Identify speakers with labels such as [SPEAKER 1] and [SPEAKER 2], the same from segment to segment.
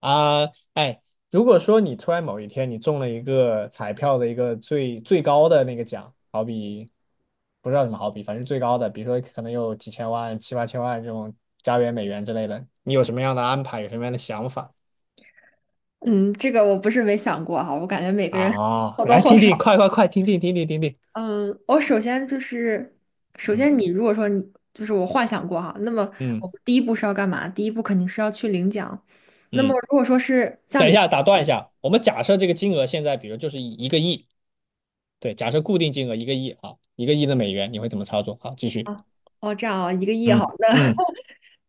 [SPEAKER 1] 啊，哎，如果说你突然某一天你中了一个彩票的一个最高的那个奖，好比不知道怎么好比，反正最高的，比如说可能有几千万、七八千万这种加元、美元之类的，你有什么样的安排，有什么样的想法？
[SPEAKER 2] 嗯，这个我不是没想过哈，我感觉每个人
[SPEAKER 1] 啊？
[SPEAKER 2] 或多
[SPEAKER 1] 来
[SPEAKER 2] 或
[SPEAKER 1] 听
[SPEAKER 2] 少。
[SPEAKER 1] 听，快快快，听听听听听听，
[SPEAKER 2] 嗯，我首先就是，首
[SPEAKER 1] 嗯
[SPEAKER 2] 先你如果说你就是我幻想过哈，那么
[SPEAKER 1] 嗯
[SPEAKER 2] 我们第一步是要干嘛？第一步肯定是要去领奖。那么
[SPEAKER 1] 嗯，
[SPEAKER 2] 如果说是像
[SPEAKER 1] 等一
[SPEAKER 2] 你
[SPEAKER 1] 下，打断一下，我们假设这个金额现在，比如就是一个亿，对，假设固定金额一个亿啊，一个亿的美元，你会怎么操作？好，继续，
[SPEAKER 2] 啊，哦这样啊，一个亿哈，
[SPEAKER 1] 嗯
[SPEAKER 2] 那
[SPEAKER 1] 嗯，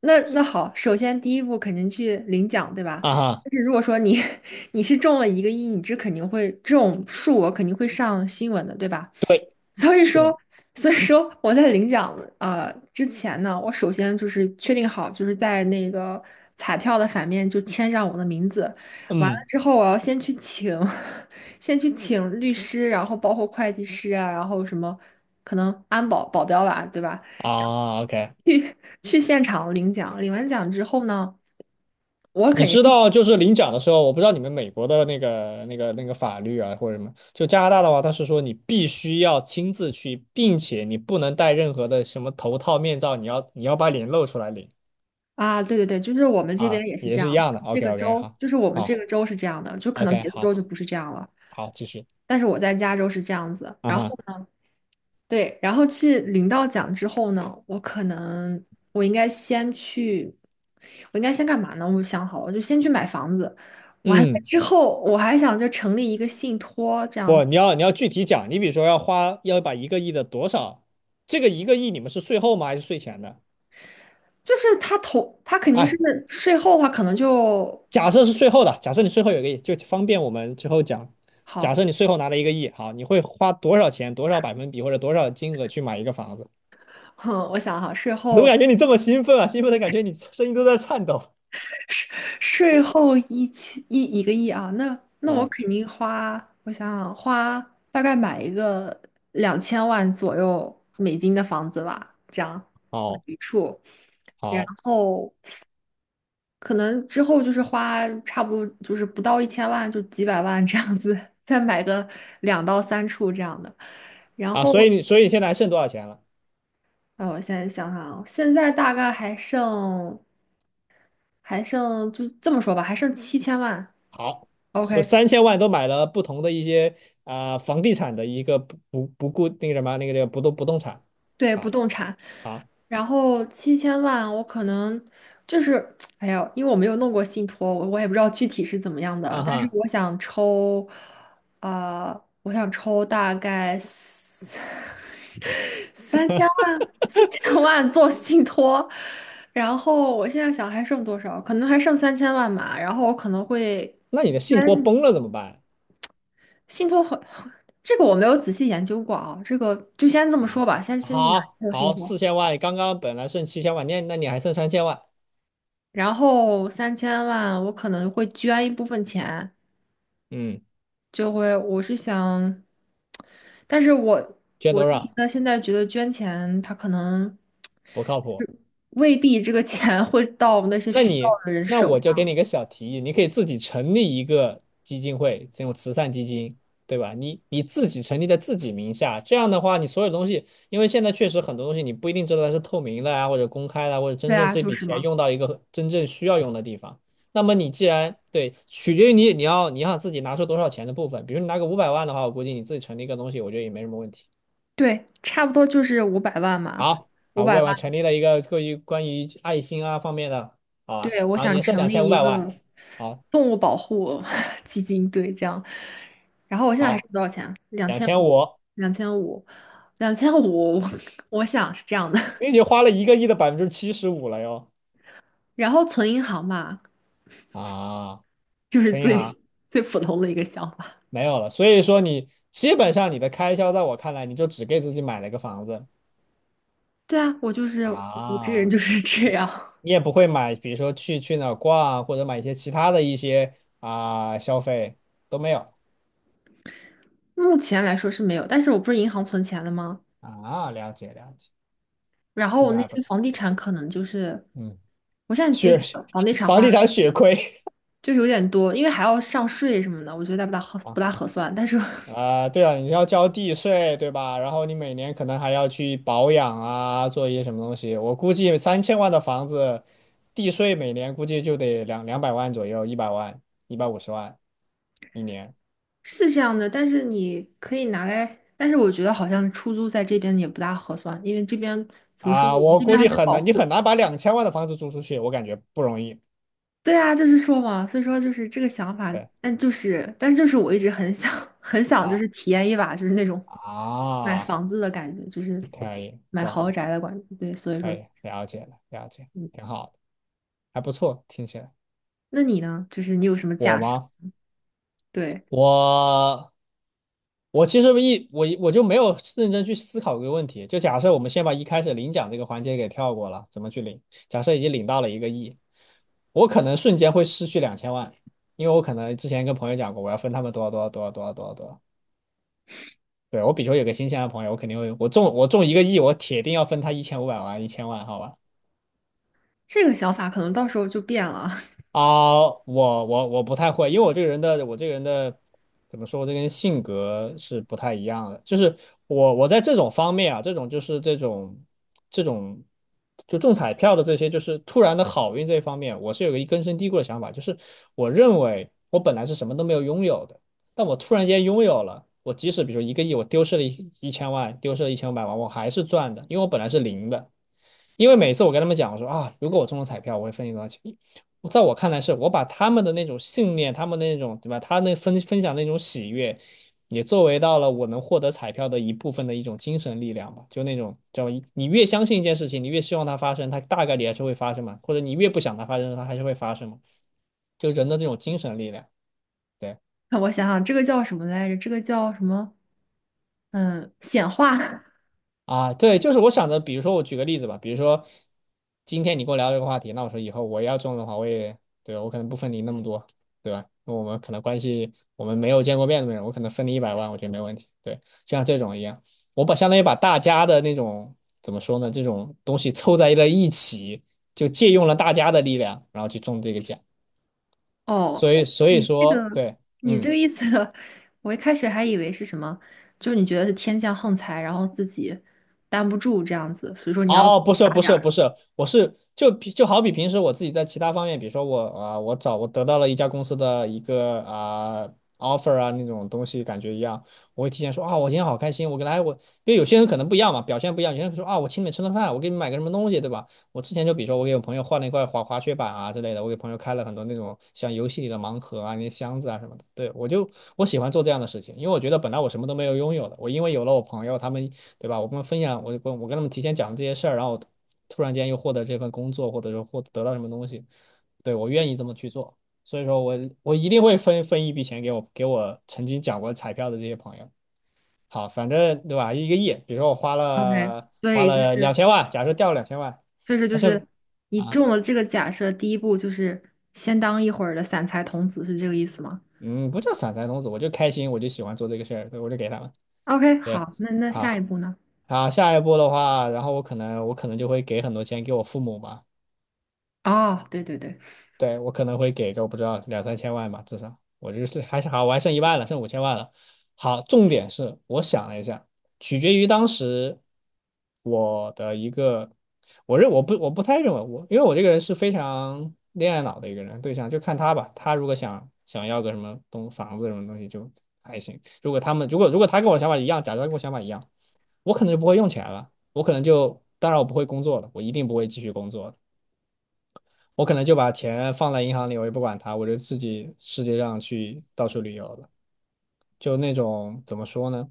[SPEAKER 2] 那那好，首先第一步肯定去领奖，对吧？
[SPEAKER 1] 啊哈，
[SPEAKER 2] 但是如果说你 你是中了1个亿，你这肯定会这种数额肯定会上新闻的，对吧？
[SPEAKER 1] 对，
[SPEAKER 2] 所以
[SPEAKER 1] 是的。
[SPEAKER 2] 说，所以说，我在领奖之前呢，我首先就是确定好，就是在那个彩票的反面就签上我的名字。完了
[SPEAKER 1] 嗯
[SPEAKER 2] 之后，我要先去请，先去请律师，然后包括会计师啊，然后什么可能安保保镖吧，对吧？
[SPEAKER 1] 啊，OK，
[SPEAKER 2] 去去现场领奖。领完奖之后呢，我
[SPEAKER 1] 你
[SPEAKER 2] 肯定
[SPEAKER 1] 知
[SPEAKER 2] 是
[SPEAKER 1] 道就是领奖的时候，我不知道你们美国的那个法律啊或者什么，就加拿大的话，它是说你必须要亲自去，并且你不能戴任何的什么头套、面罩，你要把脸露出来领
[SPEAKER 2] 啊，对对对，就是我们这边
[SPEAKER 1] 啊，
[SPEAKER 2] 也是
[SPEAKER 1] 也
[SPEAKER 2] 这样，
[SPEAKER 1] 是一样的。
[SPEAKER 2] 这
[SPEAKER 1] OK
[SPEAKER 2] 个
[SPEAKER 1] OK，
[SPEAKER 2] 州
[SPEAKER 1] 好，
[SPEAKER 2] 就是我们这
[SPEAKER 1] 好
[SPEAKER 2] 个州是这样的，就可能
[SPEAKER 1] ，OK，
[SPEAKER 2] 别的
[SPEAKER 1] 好，
[SPEAKER 2] 州就不是这样了。
[SPEAKER 1] 好，继续，
[SPEAKER 2] 但是我在加州是这样子，
[SPEAKER 1] 啊
[SPEAKER 2] 然后
[SPEAKER 1] 哈，
[SPEAKER 2] 呢，对，然后去领到奖之后呢，我可能我应该先去，我应该先干嘛呢？我想好了，我就先去买房子，完了
[SPEAKER 1] 嗯，
[SPEAKER 2] 之后我还想就成立一个信托这样
[SPEAKER 1] 不，
[SPEAKER 2] 子，
[SPEAKER 1] 你要具体讲，你比如说要把一个亿的多少，这个一个亿你们是税后吗还是税前的？
[SPEAKER 2] 就是他投他肯定
[SPEAKER 1] 哎，
[SPEAKER 2] 是税后的话，可能就
[SPEAKER 1] 假设是税后的，假设你税后有个亿，就方便我们之后讲。假
[SPEAKER 2] 好，
[SPEAKER 1] 设你税后拿了一个亿，好，你会花多少钱、多少百分比或者多少金额去买一个房子？
[SPEAKER 2] 哼，我想哈，
[SPEAKER 1] 我怎么感觉你这么兴奋啊？兴奋的感觉你声音都在颤抖。
[SPEAKER 2] 税税后一千一一个亿啊，那我
[SPEAKER 1] 嗯，
[SPEAKER 2] 肯定花，我想想，花大概买一个2000万左右美金的房子吧，这样
[SPEAKER 1] 好，
[SPEAKER 2] 一处，然
[SPEAKER 1] 好
[SPEAKER 2] 后可能之后就是花差不多就是不到1000万，就几百万这样子，再买个2到3处这样的，然
[SPEAKER 1] 啊，
[SPEAKER 2] 后
[SPEAKER 1] 所以你现在还剩多少钱了？
[SPEAKER 2] 我现在想想啊，现在大概还剩就这么说吧，还剩七千万
[SPEAKER 1] 好，所以
[SPEAKER 2] ，OK。
[SPEAKER 1] 三千万都买了不同的一些啊、房地产的一个不不不固那个什么那个那个不动产。
[SPEAKER 2] 对，不
[SPEAKER 1] 好，
[SPEAKER 2] 动产，
[SPEAKER 1] 好，
[SPEAKER 2] 然后七千万，我可能就是，哎呀，因为我没有弄过信托，我也不知道具体是怎么样的，
[SPEAKER 1] 啊
[SPEAKER 2] 但是
[SPEAKER 1] 哈，
[SPEAKER 2] 我想抽，呃，我想抽大概三 三千万，4000万做信托，然后我现在想还剩多少，可能还剩三千万吧，然后我可能会
[SPEAKER 1] 那你的
[SPEAKER 2] 因
[SPEAKER 1] 信
[SPEAKER 2] 为
[SPEAKER 1] 托崩了怎么办？
[SPEAKER 2] 信托很，这个我没有仔细研究过啊，这个就先这么
[SPEAKER 1] 啊，
[SPEAKER 2] 说吧，先去拿
[SPEAKER 1] 好
[SPEAKER 2] 一个信
[SPEAKER 1] 好，
[SPEAKER 2] 托。
[SPEAKER 1] 4000万，刚刚本来剩7000万，那你还剩三千万，
[SPEAKER 2] 然后三千万我可能会捐一部分钱，
[SPEAKER 1] 嗯，
[SPEAKER 2] 就会我是想，但是我
[SPEAKER 1] 捐
[SPEAKER 2] 我
[SPEAKER 1] 多
[SPEAKER 2] 就觉
[SPEAKER 1] 少？
[SPEAKER 2] 得现在觉得捐钱，它可能
[SPEAKER 1] 不靠谱。
[SPEAKER 2] 未必这个钱会到那些
[SPEAKER 1] 那
[SPEAKER 2] 需
[SPEAKER 1] 你，
[SPEAKER 2] 要的人
[SPEAKER 1] 那
[SPEAKER 2] 手
[SPEAKER 1] 我就给你
[SPEAKER 2] 上。
[SPEAKER 1] 一个小提议，你可以自己成立一个基金会，这种慈善基金，对吧？你自己成立在自己名下，这样的话，你所有东西，因为现在确实很多东西你不一定知道它是透明的啊，或者公开的啊或者
[SPEAKER 2] 对
[SPEAKER 1] 真正
[SPEAKER 2] 啊，
[SPEAKER 1] 这
[SPEAKER 2] 就
[SPEAKER 1] 笔
[SPEAKER 2] 是
[SPEAKER 1] 钱
[SPEAKER 2] 嘛，
[SPEAKER 1] 用到一个真正需要用的地方。那么你既然对，取决于你要自己拿出多少钱的部分，比如你拿个五百万的话，我估计你自己成立一个东西，我觉得也没什么问题。
[SPEAKER 2] 对，差不多就是五百万嘛，
[SPEAKER 1] 好，
[SPEAKER 2] 五
[SPEAKER 1] 啊，五
[SPEAKER 2] 百
[SPEAKER 1] 百万
[SPEAKER 2] 万。
[SPEAKER 1] 成立了一个关于爱心啊方面的，好啊，
[SPEAKER 2] 对，我
[SPEAKER 1] 啊，
[SPEAKER 2] 想
[SPEAKER 1] 年设
[SPEAKER 2] 成
[SPEAKER 1] 两
[SPEAKER 2] 立
[SPEAKER 1] 千五
[SPEAKER 2] 一
[SPEAKER 1] 百万，
[SPEAKER 2] 个
[SPEAKER 1] 好，
[SPEAKER 2] 动物保护 基金，对，这样。然后我现在还
[SPEAKER 1] 好，
[SPEAKER 2] 剩多少钱啊两
[SPEAKER 1] 两
[SPEAKER 2] 千
[SPEAKER 1] 千
[SPEAKER 2] 五，
[SPEAKER 1] 五，
[SPEAKER 2] 两千五，两千五。我想是这样的。
[SPEAKER 1] 你已经花了一个亿的75%了哟，
[SPEAKER 2] 然后存银行吧，
[SPEAKER 1] 啊，
[SPEAKER 2] 就是
[SPEAKER 1] 存银行
[SPEAKER 2] 最最普通的一个想法。
[SPEAKER 1] 没有了，所以说你基本上你的开销在我看来，你就只给自己买了一个房子
[SPEAKER 2] 对啊，我就是我这人
[SPEAKER 1] 啊，
[SPEAKER 2] 就是这样。
[SPEAKER 1] 你也不会买，比如说去哪儿逛或者买一些其他的一些啊消费都没有
[SPEAKER 2] 目前来说是没有，但是我不是银行存钱了吗？
[SPEAKER 1] 啊，了解了解，
[SPEAKER 2] 然后
[SPEAKER 1] 听
[SPEAKER 2] 我
[SPEAKER 1] 着
[SPEAKER 2] 那
[SPEAKER 1] 还不
[SPEAKER 2] 些
[SPEAKER 1] 错，
[SPEAKER 2] 房地产可能就是，
[SPEAKER 1] 嗯，
[SPEAKER 2] 我现在其实
[SPEAKER 1] 血
[SPEAKER 2] 觉得房地 产
[SPEAKER 1] 房
[SPEAKER 2] 花
[SPEAKER 1] 地产血亏。
[SPEAKER 2] 就是有点多，因为还要上税什么的，我觉得
[SPEAKER 1] 啊，
[SPEAKER 2] 不大合算。但是
[SPEAKER 1] 啊，对啊，你要交地税，对吧？然后你每年可能还要去保养啊，做一些什么东西。我估计三千万的房子，地税每年估计就得两百万左右，一百万、150万一年
[SPEAKER 2] 是这样的，但是你可以拿来，但是我觉得好像出租在这边也不大合算，因为这边怎么说，
[SPEAKER 1] 啊。
[SPEAKER 2] 我们
[SPEAKER 1] 我
[SPEAKER 2] 这边
[SPEAKER 1] 估
[SPEAKER 2] 还
[SPEAKER 1] 计
[SPEAKER 2] 是
[SPEAKER 1] 很
[SPEAKER 2] 保
[SPEAKER 1] 难，你很
[SPEAKER 2] 护。
[SPEAKER 1] 难把两千万的房子租出去，我感觉不容易。
[SPEAKER 2] 对啊，就是说嘛，所以说就是这个想法，
[SPEAKER 1] 对，
[SPEAKER 2] 但是就是我一直很想，很想就是
[SPEAKER 1] 好
[SPEAKER 2] 体验一把，就是那种买
[SPEAKER 1] 啊，
[SPEAKER 2] 房子的感觉，就是
[SPEAKER 1] 可以，
[SPEAKER 2] 买
[SPEAKER 1] 懂
[SPEAKER 2] 豪
[SPEAKER 1] 了，
[SPEAKER 2] 宅的感觉。对，所以
[SPEAKER 1] 可
[SPEAKER 2] 说，
[SPEAKER 1] 以，了解了，了解，
[SPEAKER 2] 嗯，
[SPEAKER 1] 挺好的，还不错，听起来。
[SPEAKER 2] 那你呢？就是你有什么
[SPEAKER 1] 我
[SPEAKER 2] 假设？
[SPEAKER 1] 吗？
[SPEAKER 2] 对，
[SPEAKER 1] 我我其实我就没有认真去思考这个问题。就假设我们先把一开始领奖这个环节给跳过了，怎么去领？假设已经领到了一个亿，我可能瞬间会失去两千万，因为我可能之前跟朋友讲过，我要分他们多少多少多少多少多少多少。对，我比如说有个新鲜的朋友，我肯定会，我中一个亿，我铁定要分他一千五百万一千万，好吧？
[SPEAKER 2] 这个想法可能到时候就变了。
[SPEAKER 1] 啊，我不太会，因为我这个人的怎么说，我这个人性格是不太一样的。就是我在这种方面啊，这种就中彩票的这些，就是突然的好运这一方面，我是有一个根深蒂固的想法，就是我认为我本来是什么都没有拥有的，但我突然间拥有了。我即使比如一个亿，我丢失了一千万，丢失了一千五百万，我还是赚的，因为我本来是零的。因为每次我跟他们讲，我说啊，如果我中了彩票，我会分你多少钱。在我看来是，我把他们的那种信念，他们的那种对吧，他那分享那种喜悦，也作为到了我能获得彩票的一部分的一种精神力量吧。就那种叫你越相信一件事情，你越希望它发生，它大概率还是会发生嘛；或者你越不想它发生，它还是会发生嘛。就人的这种精神力量，对。
[SPEAKER 2] 让我想想，这个叫什么来着？这个叫什么？嗯，显化。
[SPEAKER 1] 啊，对，就是我想着，比如说我举个例子吧，比如说今天你跟我聊这个话题，那我说以后我要中的话，我也对我可能不分你那么多，对吧？那我们可能关系我们没有见过面的人，我可能分你一百万，我觉得没问题。对，就像这种一样，我把相当于把大家的那种怎么说呢，这种东西凑在了一起，就借用了大家的力量，然后去中这个奖。
[SPEAKER 2] 哦，
[SPEAKER 1] 所以，所以
[SPEAKER 2] 你这
[SPEAKER 1] 说，
[SPEAKER 2] 个
[SPEAKER 1] 对，
[SPEAKER 2] 你这
[SPEAKER 1] 嗯。
[SPEAKER 2] 个意思，我一开始还以为是什么，就是你觉得是天降横财，然后自己担不住这样子，所以说你要
[SPEAKER 1] 哦，不是
[SPEAKER 2] 打
[SPEAKER 1] 不
[SPEAKER 2] 点
[SPEAKER 1] 是不
[SPEAKER 2] 儿。
[SPEAKER 1] 是，我是就好比平时我自己在其他方面，比如说我啊、我得到了一家公司的一个啊、offer 啊那种东西，感觉一样，我会提前说啊，我今天好开心，我给来我，因为有些人可能不一样嘛，表现不一样，有些人说啊，我请你们吃顿饭，我给你们买个什么东西，对吧？我之前就比如说我给我朋友换了一块滑雪板啊之类的，我给朋友开了很多那种像游戏里的盲盒啊、那些箱子啊什么的。对，我喜欢做这样的事情，因为我觉得本来我什么都没有拥有的，我因为有了我朋友他们，对吧？我跟他们分享，我跟他们提前讲这些事儿，然后突然间又获得这份工作，或者说获得到什么东西，对，我愿意这么去做。所以说我一定会分一笔钱给我曾经讲过彩票的这些朋友。好，反正对吧？一个亿，比如说我花
[SPEAKER 2] OK，
[SPEAKER 1] 了
[SPEAKER 2] 所
[SPEAKER 1] 花
[SPEAKER 2] 以就
[SPEAKER 1] 了两
[SPEAKER 2] 是
[SPEAKER 1] 千万，假设掉了两千万，
[SPEAKER 2] 就是就
[SPEAKER 1] 但是
[SPEAKER 2] 是你
[SPEAKER 1] 啊，
[SPEAKER 2] 中了这个假设，第一步就是先当一会儿的散财童子，是这个意思吗
[SPEAKER 1] 嗯，不叫散财童子，我就开心，我就喜欢做这个事儿，对，我就给他们。
[SPEAKER 2] ？OK，
[SPEAKER 1] 对，
[SPEAKER 2] 好，那下
[SPEAKER 1] 好，
[SPEAKER 2] 一步呢？
[SPEAKER 1] 好，下一步的话，然后我可能就会给很多钱给我父母吧。
[SPEAKER 2] 哦，对对对，
[SPEAKER 1] 对，我可能会给个我不知道两三千万吧，至少我就是还是好，我还剩一万了，剩五千万了。好，重点是我想了一下，取决于当时我的一个，我不太认为我，因为我这个人是非常恋爱脑的一个人，对象就看他吧，他如果想要个什么房子什么东西就还行，如果他跟我想法一样，假装跟我想法一样，我可能就不会用钱了，我可能就当然我不会工作了，我一定不会继续工作我可能就把钱放在银行里，我也不管它，我就自己世界上去到处旅游了。就那种怎么说呢？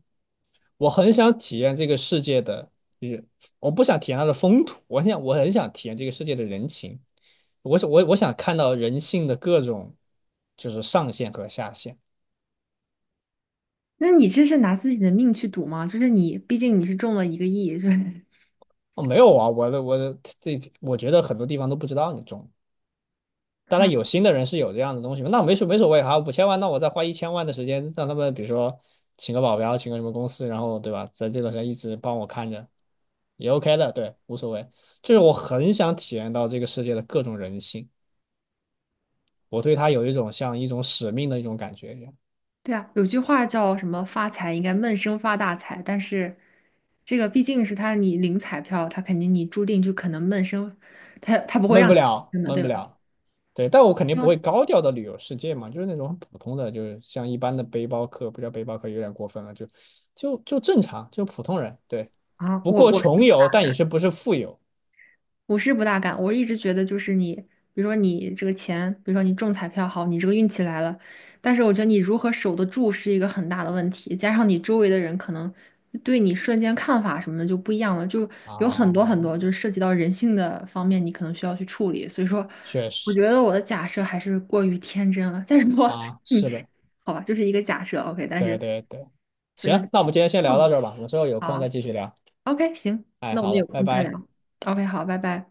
[SPEAKER 1] 我很想体验这个世界的，就是我不想体验它的风土，我很想体验这个世界的人情。我想看到人性的各种，就是上限和下限。
[SPEAKER 2] 那你这是拿自己的命去赌吗？就是你，毕竟你是中了一个亿，就是。
[SPEAKER 1] 哦，没有啊，我的这，我觉得很多地方都不知道你中当然有心的人是有这样的东西那没所谓哈，五千万，那我再花一千万的时间让他们，比如说请个保镖，请个什么公司，然后对吧，在这段时间一直帮我看着，也 OK 的，对，无所谓。就是我很想体验到这个世界的各种人性，我对他有一种像一种使命的一种感觉一样，
[SPEAKER 2] 对啊，有句话叫什么“发财应该闷声发大财”，但是这个毕竟是他你领彩票，他肯定你注定就可能闷声，他不会
[SPEAKER 1] 闷
[SPEAKER 2] 让
[SPEAKER 1] 不
[SPEAKER 2] 你
[SPEAKER 1] 了，
[SPEAKER 2] 闷声的，
[SPEAKER 1] 闷
[SPEAKER 2] 对
[SPEAKER 1] 不
[SPEAKER 2] 吧？
[SPEAKER 1] 了。对，但我肯定不会
[SPEAKER 2] 嗯
[SPEAKER 1] 高调的旅游世界嘛，就是那种很普通的，就是像一般的背包客，不叫背包客有点过分了，就正常，就普通人，对，
[SPEAKER 2] 啊，
[SPEAKER 1] 不
[SPEAKER 2] 我
[SPEAKER 1] 过
[SPEAKER 2] 我是
[SPEAKER 1] 穷游，但也是不是富游
[SPEAKER 2] 我是不大敢，我一直觉得就是你，比如说你这个钱，比如说你中彩票好，你这个运气来了，但是我觉得你如何守得住是一个很大的问题，加上你周围的人可能对你瞬间看法什么的就不一样了，就有很
[SPEAKER 1] 啊，
[SPEAKER 2] 多很多就是涉及到人性的方面，你可能需要去处理。所以说，
[SPEAKER 1] 确
[SPEAKER 2] 我
[SPEAKER 1] 实
[SPEAKER 2] 觉得我的假设还是过于天真了。再说
[SPEAKER 1] 啊，
[SPEAKER 2] 你，
[SPEAKER 1] 是的，
[SPEAKER 2] 好吧，就是一个假设，OK，但
[SPEAKER 1] 对
[SPEAKER 2] 是
[SPEAKER 1] 对对，
[SPEAKER 2] 所以说，
[SPEAKER 1] 行，那我们今天先聊到
[SPEAKER 2] 嗯，
[SPEAKER 1] 这儿吧，我们之后有
[SPEAKER 2] 好
[SPEAKER 1] 空
[SPEAKER 2] 啊
[SPEAKER 1] 再继续聊。
[SPEAKER 2] ，OK，行，
[SPEAKER 1] 哎，
[SPEAKER 2] 那我
[SPEAKER 1] 好
[SPEAKER 2] 们有
[SPEAKER 1] 了，拜
[SPEAKER 2] 空再
[SPEAKER 1] 拜。
[SPEAKER 2] 聊，OK，好，拜拜。